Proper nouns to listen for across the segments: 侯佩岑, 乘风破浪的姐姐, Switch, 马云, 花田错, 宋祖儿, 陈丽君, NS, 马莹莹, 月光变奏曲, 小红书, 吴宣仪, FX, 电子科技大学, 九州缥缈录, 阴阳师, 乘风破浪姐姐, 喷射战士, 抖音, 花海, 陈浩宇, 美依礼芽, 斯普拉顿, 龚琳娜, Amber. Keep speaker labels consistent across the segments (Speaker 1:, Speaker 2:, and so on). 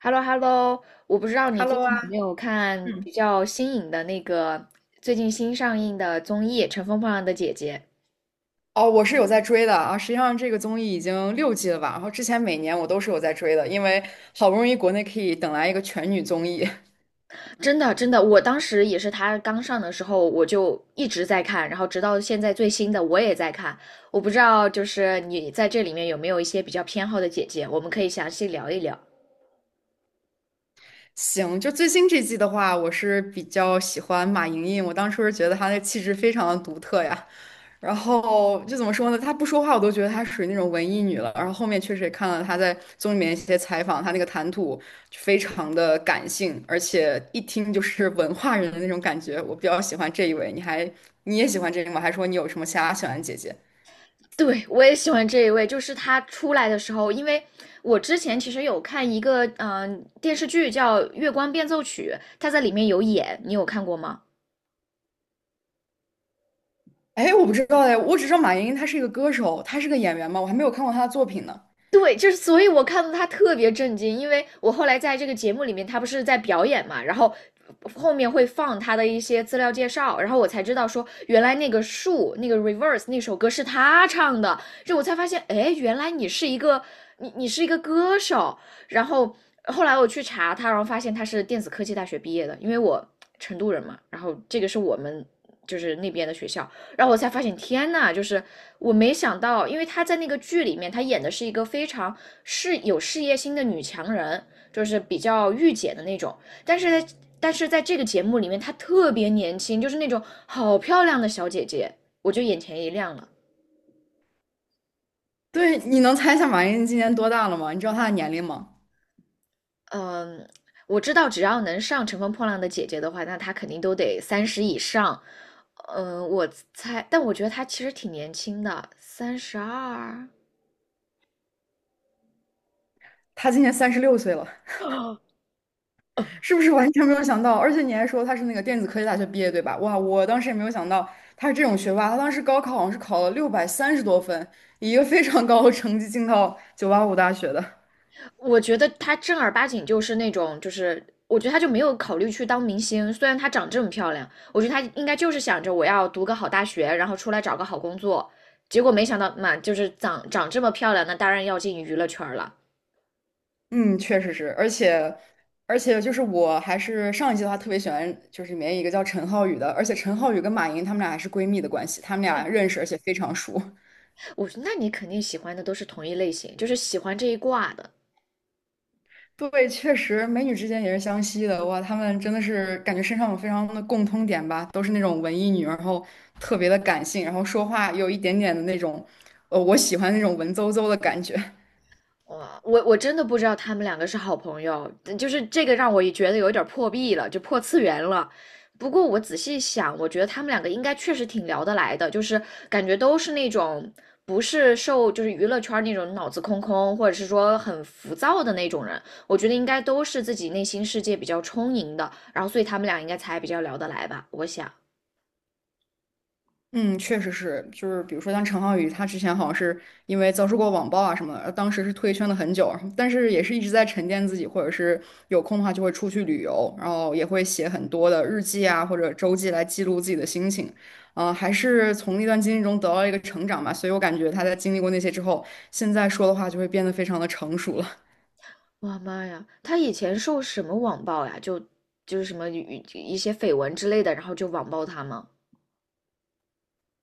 Speaker 1: h e l l o h e l l o 我不知道你最
Speaker 2: Hello
Speaker 1: 近有
Speaker 2: 啊，
Speaker 1: 没有看
Speaker 2: 嗯，
Speaker 1: 比较新颖的那个最近新上映的综艺《乘风破浪的姐姐》。
Speaker 2: 哦，我是有在追的啊。实际上，这个综艺已经6季了吧？然后之前每年我都是有在追的，因为好不容易国内可以等来一个全女综艺。
Speaker 1: 真的真的，我当时也是她刚上的时候，我就一直在看，然后直到现在最新的我也在看。我不知道就是你在这里面有没有一些比较偏好的姐姐，我们可以详细聊一聊。
Speaker 2: 行，就最新这季的话，我是比较喜欢马莹莹，我当初是觉得她的气质非常的独特呀。然后就怎么说呢？她不说话，我都觉得她属于那种文艺女了。然后后面确实也看了她在综艺里面一些采访，她那个谈吐就非常的感性，而且一听就是文化人的那种感觉。我比较喜欢这一位，你也喜欢这个吗？还说你有什么其他喜欢的姐姐？
Speaker 1: 对，我也喜欢这一位，就是她出来的时候，因为我之前其实有看一个电视剧叫《月光变奏曲》，她在里面有演，你有看过吗？
Speaker 2: 哎，我不知道哎，我只知道马莹她是一个歌手，她是个演员吗？我还没有看过她的作品呢。
Speaker 1: 对，就是，所以我看到他特别震惊，因为我后来在这个节目里面，他不是在表演嘛，然后后面会放他的一些资料介绍，然后我才知道说，原来那个树，那个 reverse 那首歌是他唱的，就我才发现，哎，原来你是一个你是一个歌手，然后后来我去查他，然后发现他是电子科技大学毕业的，因为我成都人嘛，然后这个是我们就是那边的学校，然后我才发现，天呐，就是我没想到，因为她在那个剧里面，她演的是一个非常有事业心的女强人，就是比较御姐的那种。但是但是在这个节目里面，她特别年轻，就是那种好漂亮的小姐姐，我就眼前一亮了。
Speaker 2: 对，你能猜一下马莹今年多大了吗？你知道她的年龄吗？
Speaker 1: 嗯，我知道只要能上《乘风破浪的姐姐》的话，那她肯定都得三十以上。嗯，我猜，但我觉得她其实挺年轻的，三十二。
Speaker 2: 她今年36岁了。
Speaker 1: 啊，
Speaker 2: 是不是完全没有想到？而且你还说他是那个电子科技大学毕业，对吧？哇，我当时也没有想到他是这种学霸。他当时高考好像是考了630多分，以一个非常高的成绩进到985大学的。
Speaker 1: 我觉得她正儿八经就是那种，就是我觉得她就没有考虑去当明星。虽然她长这么漂亮，我觉得她应该就是想着我要读个好大学，然后出来找个好工作。结果没想到嘛，就是长这么漂亮，那当然要进娱乐圈了。
Speaker 2: 嗯，确实是，而且就是我还是上一季的话特别喜欢，就是里面一个叫陈浩宇的，而且陈浩宇跟马云他们俩还是闺蜜的关系，他们俩认识而且非常熟。
Speaker 1: 我说，那你肯定喜欢的都是同一类型，就是喜欢这一挂的。
Speaker 2: 对，确实，美女之间也是相吸的。哇，她们真的是感觉身上有非常的共通点吧，都是那种文艺女，然后特别的感性，然后说话有一点点的那种，我喜欢那种文绉绉的感觉。
Speaker 1: 哇，我真的不知道他们两个是好朋友，嗯就是这个让我也觉得有点破壁了，就破次元了。不过我仔细想，我觉得他们两个应该确实挺聊得来的，就是感觉都是那种不是受就是娱乐圈那种脑子空空，或者是说很浮躁的那种人。我觉得应该都是自己内心世界比较充盈的，然后所以他们俩应该才比较聊得来吧，我想。
Speaker 2: 嗯，确实是，就是比如说像陈浩宇，他之前好像是因为遭受过网暴啊什么的，当时是退圈了很久，但是也是一直在沉淀自己，或者是有空的话就会出去旅游，然后也会写很多的日记啊或者周记来记录自己的心情，啊、还是从那段经历中得到了一个成长吧，所以我感觉他在经历过那些之后，现在说的话就会变得非常的成熟了。
Speaker 1: 哇妈呀，他以前受什么网暴呀？就就是什么一些绯闻之类的，然后就网暴他吗？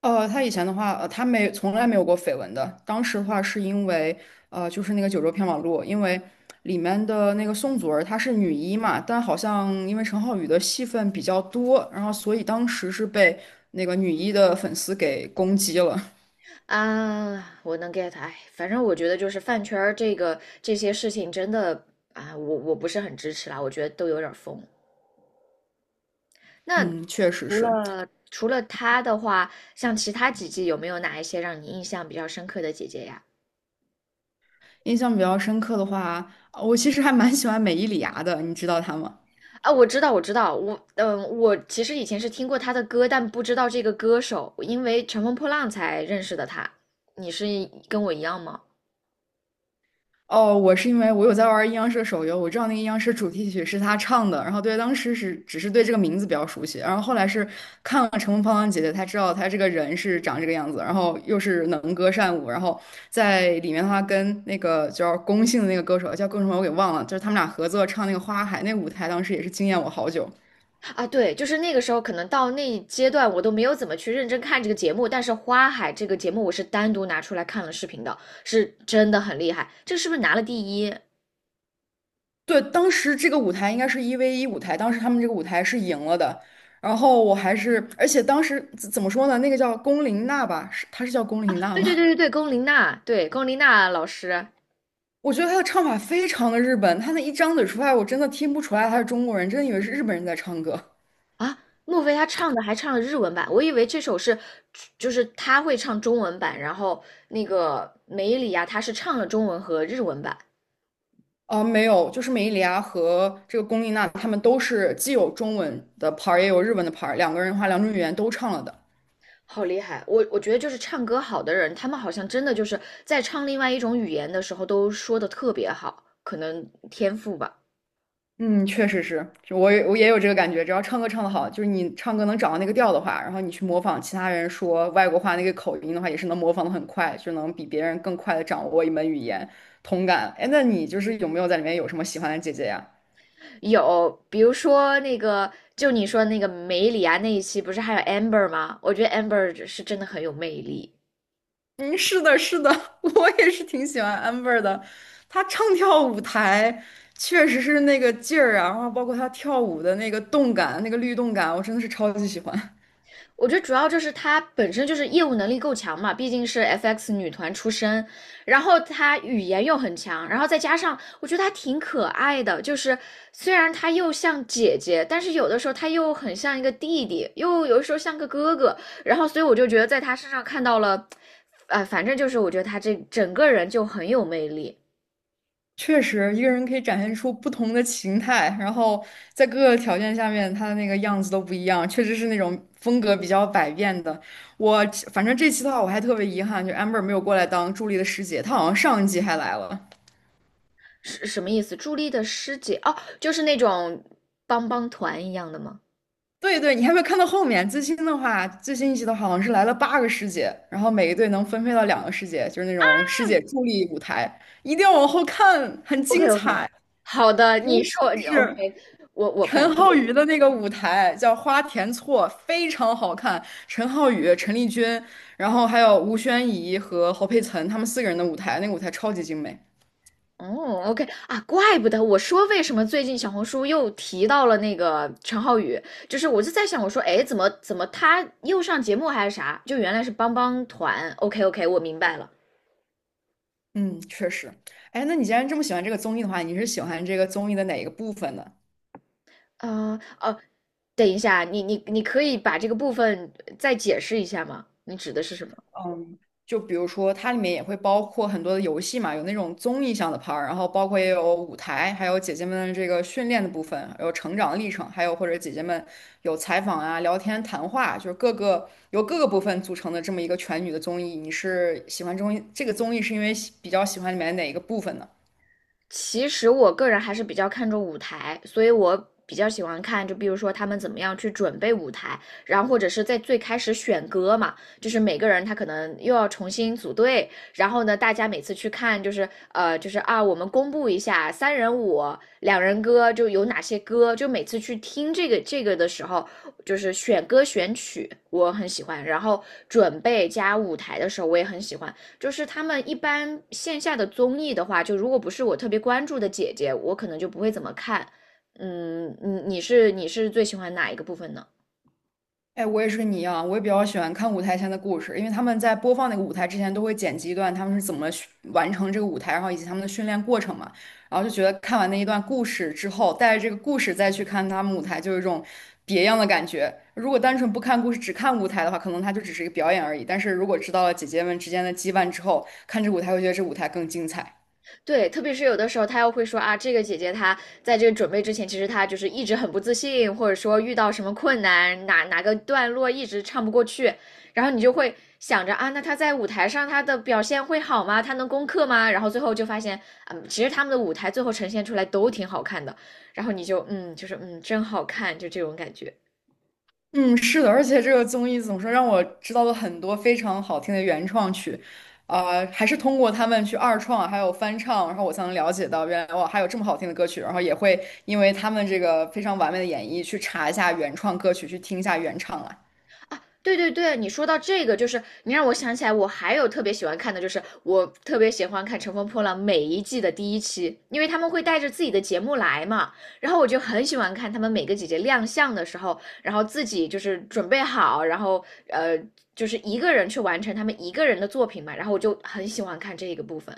Speaker 2: 他以前的话，他没从来没有过绯闻的。当时的话，是因为就是那个《九州缥缈录》，因为里面的那个宋祖儿她是女一嘛，但好像因为陈浩宇的戏份比较多，然后所以当时是被那个女一的粉丝给攻击了。
Speaker 1: 啊，我能 get,哎，反正我觉得就是饭圈儿这个这些事情真的啊，我不是很支持啦，我觉得都有点儿疯。那
Speaker 2: 嗯，确实
Speaker 1: 除
Speaker 2: 是。
Speaker 1: 了除了她的话，像其他几季有没有哪一些让你印象比较深刻的姐姐呀？
Speaker 2: 印象比较深刻的话，我其实还蛮喜欢美依礼芽的，你知道她吗？
Speaker 1: 啊，我知道，我知道，我嗯，我其实以前是听过她的歌，但不知道这个歌手，因为《乘风破浪》才认识的她。你是跟我一样吗？
Speaker 2: 哦，我是因为我有在玩阴阳师的手游，我知道那个阴阳师主题曲是他唱的，然后对当时是只是对这个名字比较熟悉，然后后来是看了《乘风破浪姐姐》，才知道他这个人是长这个样子，然后又是能歌善舞，然后在里面的话跟那个叫龚姓的那个歌手叫龚什么我给忘了，就是他们俩合作唱那个《花海》，那个舞台当时也是惊艳我好久。
Speaker 1: 啊，对，就是那个时候，可能到那一阶段，我都没有怎么去认真看这个节目。但是《花海》这个节目，我是单独拿出来看了视频的，是真的很厉害。这个是不是拿了第一啊？
Speaker 2: 对，当时这个舞台应该是1V1舞台，当时他们这个舞台是赢了的。然后我还是，而且当时怎么说呢？那个叫龚琳娜吧，是她是叫龚琳娜
Speaker 1: 对对
Speaker 2: 吗？
Speaker 1: 对对对，龚琳娜，对龚琳娜老师。
Speaker 2: 我觉得他的唱法非常的日本，他那一张嘴出来，我真的听不出来他是中国人，真的以为是日本人在唱歌。
Speaker 1: 啊，莫非他唱的还唱了日文版？我以为这首是，就是他会唱中文版，然后那个梅里啊，她是唱了中文和日文版。
Speaker 2: 啊、没有，就是美伊里亚和这个龚丽娜，他们都是既有中文的牌 a 也有日文的牌 a 两个人的话，两种语言都唱了的。
Speaker 1: 好厉害！我觉得就是唱歌好的人，他们好像真的就是在唱另外一种语言的时候都说的特别好，可能天赋吧。
Speaker 2: 嗯，确实是，就我也有这个感觉，只要唱歌唱得好，就是你唱歌能找到那个调的话，然后你去模仿其他人说外国话那个口音的话，也是能模仿的很快，就能比别人更快的掌握一门语言，同感。哎，那你就是有没有在里面有什么喜欢的姐姐呀？
Speaker 1: 有，比如说那个，就你说那个梅里啊那一期，不是还有 Amber 吗？我觉得 Amber 是真的很有魅力。
Speaker 2: 嗯，是的，是的，我也是挺喜欢 Amber 的。她唱跳舞台确实是那个劲儿啊，然后包括她跳舞的那个动感、那个律动感，我真的是超级喜欢。
Speaker 1: 我觉得主要就是她本身就是业务能力够强嘛，毕竟是 FX 女团出身，然后她语言又很强，然后再加上我觉得她挺可爱的，就是虽然她又像姐姐，但是有的时候她又很像一个弟弟，又有的时候像个哥哥，然后所以我就觉得在她身上看到了，反正就是我觉得她这整个人就很有魅力。
Speaker 2: 确实，一个人可以展现出不同的形态，然后在各个条件下面，他的那个样子都不一样，确实是那种风格比较百变的。我反正这期的话，我还特别遗憾，就 Amber 没有过来当助理的师姐，她好像上一季还来了。
Speaker 1: 是什么意思？朱莉的师姐哦，就是那种帮帮团一样的吗？
Speaker 2: 对对，你还没有看到后面，最新的话，最新一集的话好像是来了8个师姐，然后每一队能分配到2个师姐，就是那种师姐助力舞台，一定要往后看，很
Speaker 1: OK
Speaker 2: 精彩。
Speaker 1: OK,好的，
Speaker 2: 尤
Speaker 1: 你说
Speaker 2: 其
Speaker 1: OK,
Speaker 2: 是
Speaker 1: 我反正
Speaker 2: 陈浩宇的那个舞台叫花田错，非常好看。陈浩宇、陈丽君，然后还有吴宣仪和侯佩岑，他们四个人的舞台，那个舞台超级精美。
Speaker 1: 哦 OK 啊，怪不得我说为什么最近小红书又提到了那个陈浩宇，就是我就在想，我说哎，诶怎么他又上节目还是啥？就原来是帮帮团，OK OK,我明白了。
Speaker 2: 嗯，确实。哎，那你既然这么喜欢这个综艺的话，你是喜欢这个综艺的哪一个部分呢？
Speaker 1: 呃哦，等一下，你可以把这个部分再解释一下吗？你指的是什么？
Speaker 2: 就比如说，它里面也会包括很多的游戏嘛，有那种综艺向的 part,儿然后包括也有舞台，还有姐姐们的这个训练的部分，有成长历程，还有或者姐姐们有采访啊、聊天、谈话，就是各个由各个部分组成的这么一个全女的综艺。你是喜欢综艺这个综艺是因为比较喜欢里面哪一个部分呢？
Speaker 1: 其实我个人还是比较看重舞台，所以我比较喜欢看，就比如说他们怎么样去准备舞台，然后或者是在最开始选歌嘛，就是每个人他可能又要重新组队，然后呢，大家每次去看就是我们公布一下三人舞、两人歌就有哪些歌，就每次去听这个的时候，就是选歌选曲我很喜欢，然后准备加舞台的时候我也很喜欢。就是他们一般线下的综艺的话，就如果不是我特别关注的姐姐，我可能就不会怎么看。嗯，你是最喜欢哪一个部分呢？
Speaker 2: 哎，我也是跟你一样，我也比较喜欢看舞台前的故事，因为他们在播放那个舞台之前都会剪辑一段他们是怎么训完成这个舞台，然后以及他们的训练过程嘛，然后就觉得看完那一段故事之后，带着这个故事再去看他们舞台，就有一种别样的感觉。如果单纯不看故事，只看舞台的话，可能它就只是一个表演而已。但是如果知道了姐姐们之间的羁绊之后，看这舞台会觉得这舞台更精彩。
Speaker 1: 对，特别是有的时候他又会说啊，这个姐姐她在这个准备之前，其实她就是一直很不自信，或者说遇到什么困难，哪个段落一直唱不过去，然后你就会想着啊，那她在舞台上她的表现会好吗？她能攻克吗？然后最后就发现，嗯，其实他们的舞台最后呈现出来都挺好看的，然后你就嗯，就是嗯，真好看，就这种感觉。
Speaker 2: 嗯，是的，而且这个综艺怎么说，让我知道了很多非常好听的原创曲，啊、还是通过他们去二创，还有翻唱，然后我才能了解到原来哇，还有这么好听的歌曲，然后也会因为他们这个非常完美的演绎去查一下原创歌曲，去听一下原唱啊。
Speaker 1: 啊，对对对，你说到这个，就是你让我想起来，我还有特别喜欢看的，就是我特别喜欢看《乘风破浪》每一季的第一期，因为他们会带着自己的节目来嘛，然后我就很喜欢看他们每个姐姐亮相的时候，然后自己就是准备好，然后就是一个人去完成他们一个人的作品嘛，然后我就很喜欢看这个部分。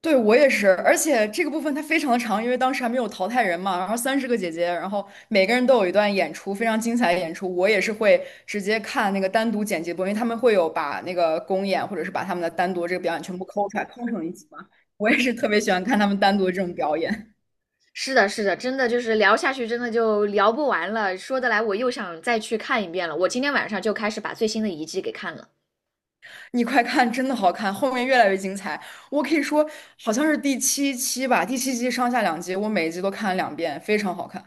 Speaker 2: 对，我也是，而且这个部分它非常的长，因为当时还没有淘汰人嘛，然后30个姐姐，然后每个人都有一段演出，非常精彩的演出。我也是会直接看那个单独剪辑播，因为他们会有把那个公演或者是把他们的单独这个表演全部抠出来，抠成一集嘛。我也是特别喜欢看他们单独的这种表演。
Speaker 1: 是的，是的，真的就是聊下去，真的就聊不完了。说得来，我又想再去看一遍了。我今天晚上就开始把最新的一季给看了。
Speaker 2: 你快看，真的好看，后面越来越精彩。我可以说，好像是第七期吧，第七期上下两集，我每一集都看了2遍，非常好看。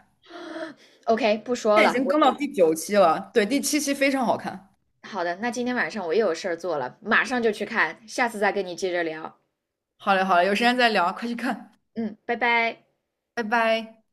Speaker 1: OK,不说
Speaker 2: 现在已
Speaker 1: 了，
Speaker 2: 经
Speaker 1: 我
Speaker 2: 更到第9期了，对，第七期非常好看。
Speaker 1: 好的，那今天晚上我又有事儿做了，马上就去看，下次再跟你接着聊。
Speaker 2: 好嘞，好嘞，有时间再聊，快去看，
Speaker 1: 嗯，拜拜。
Speaker 2: 拜拜。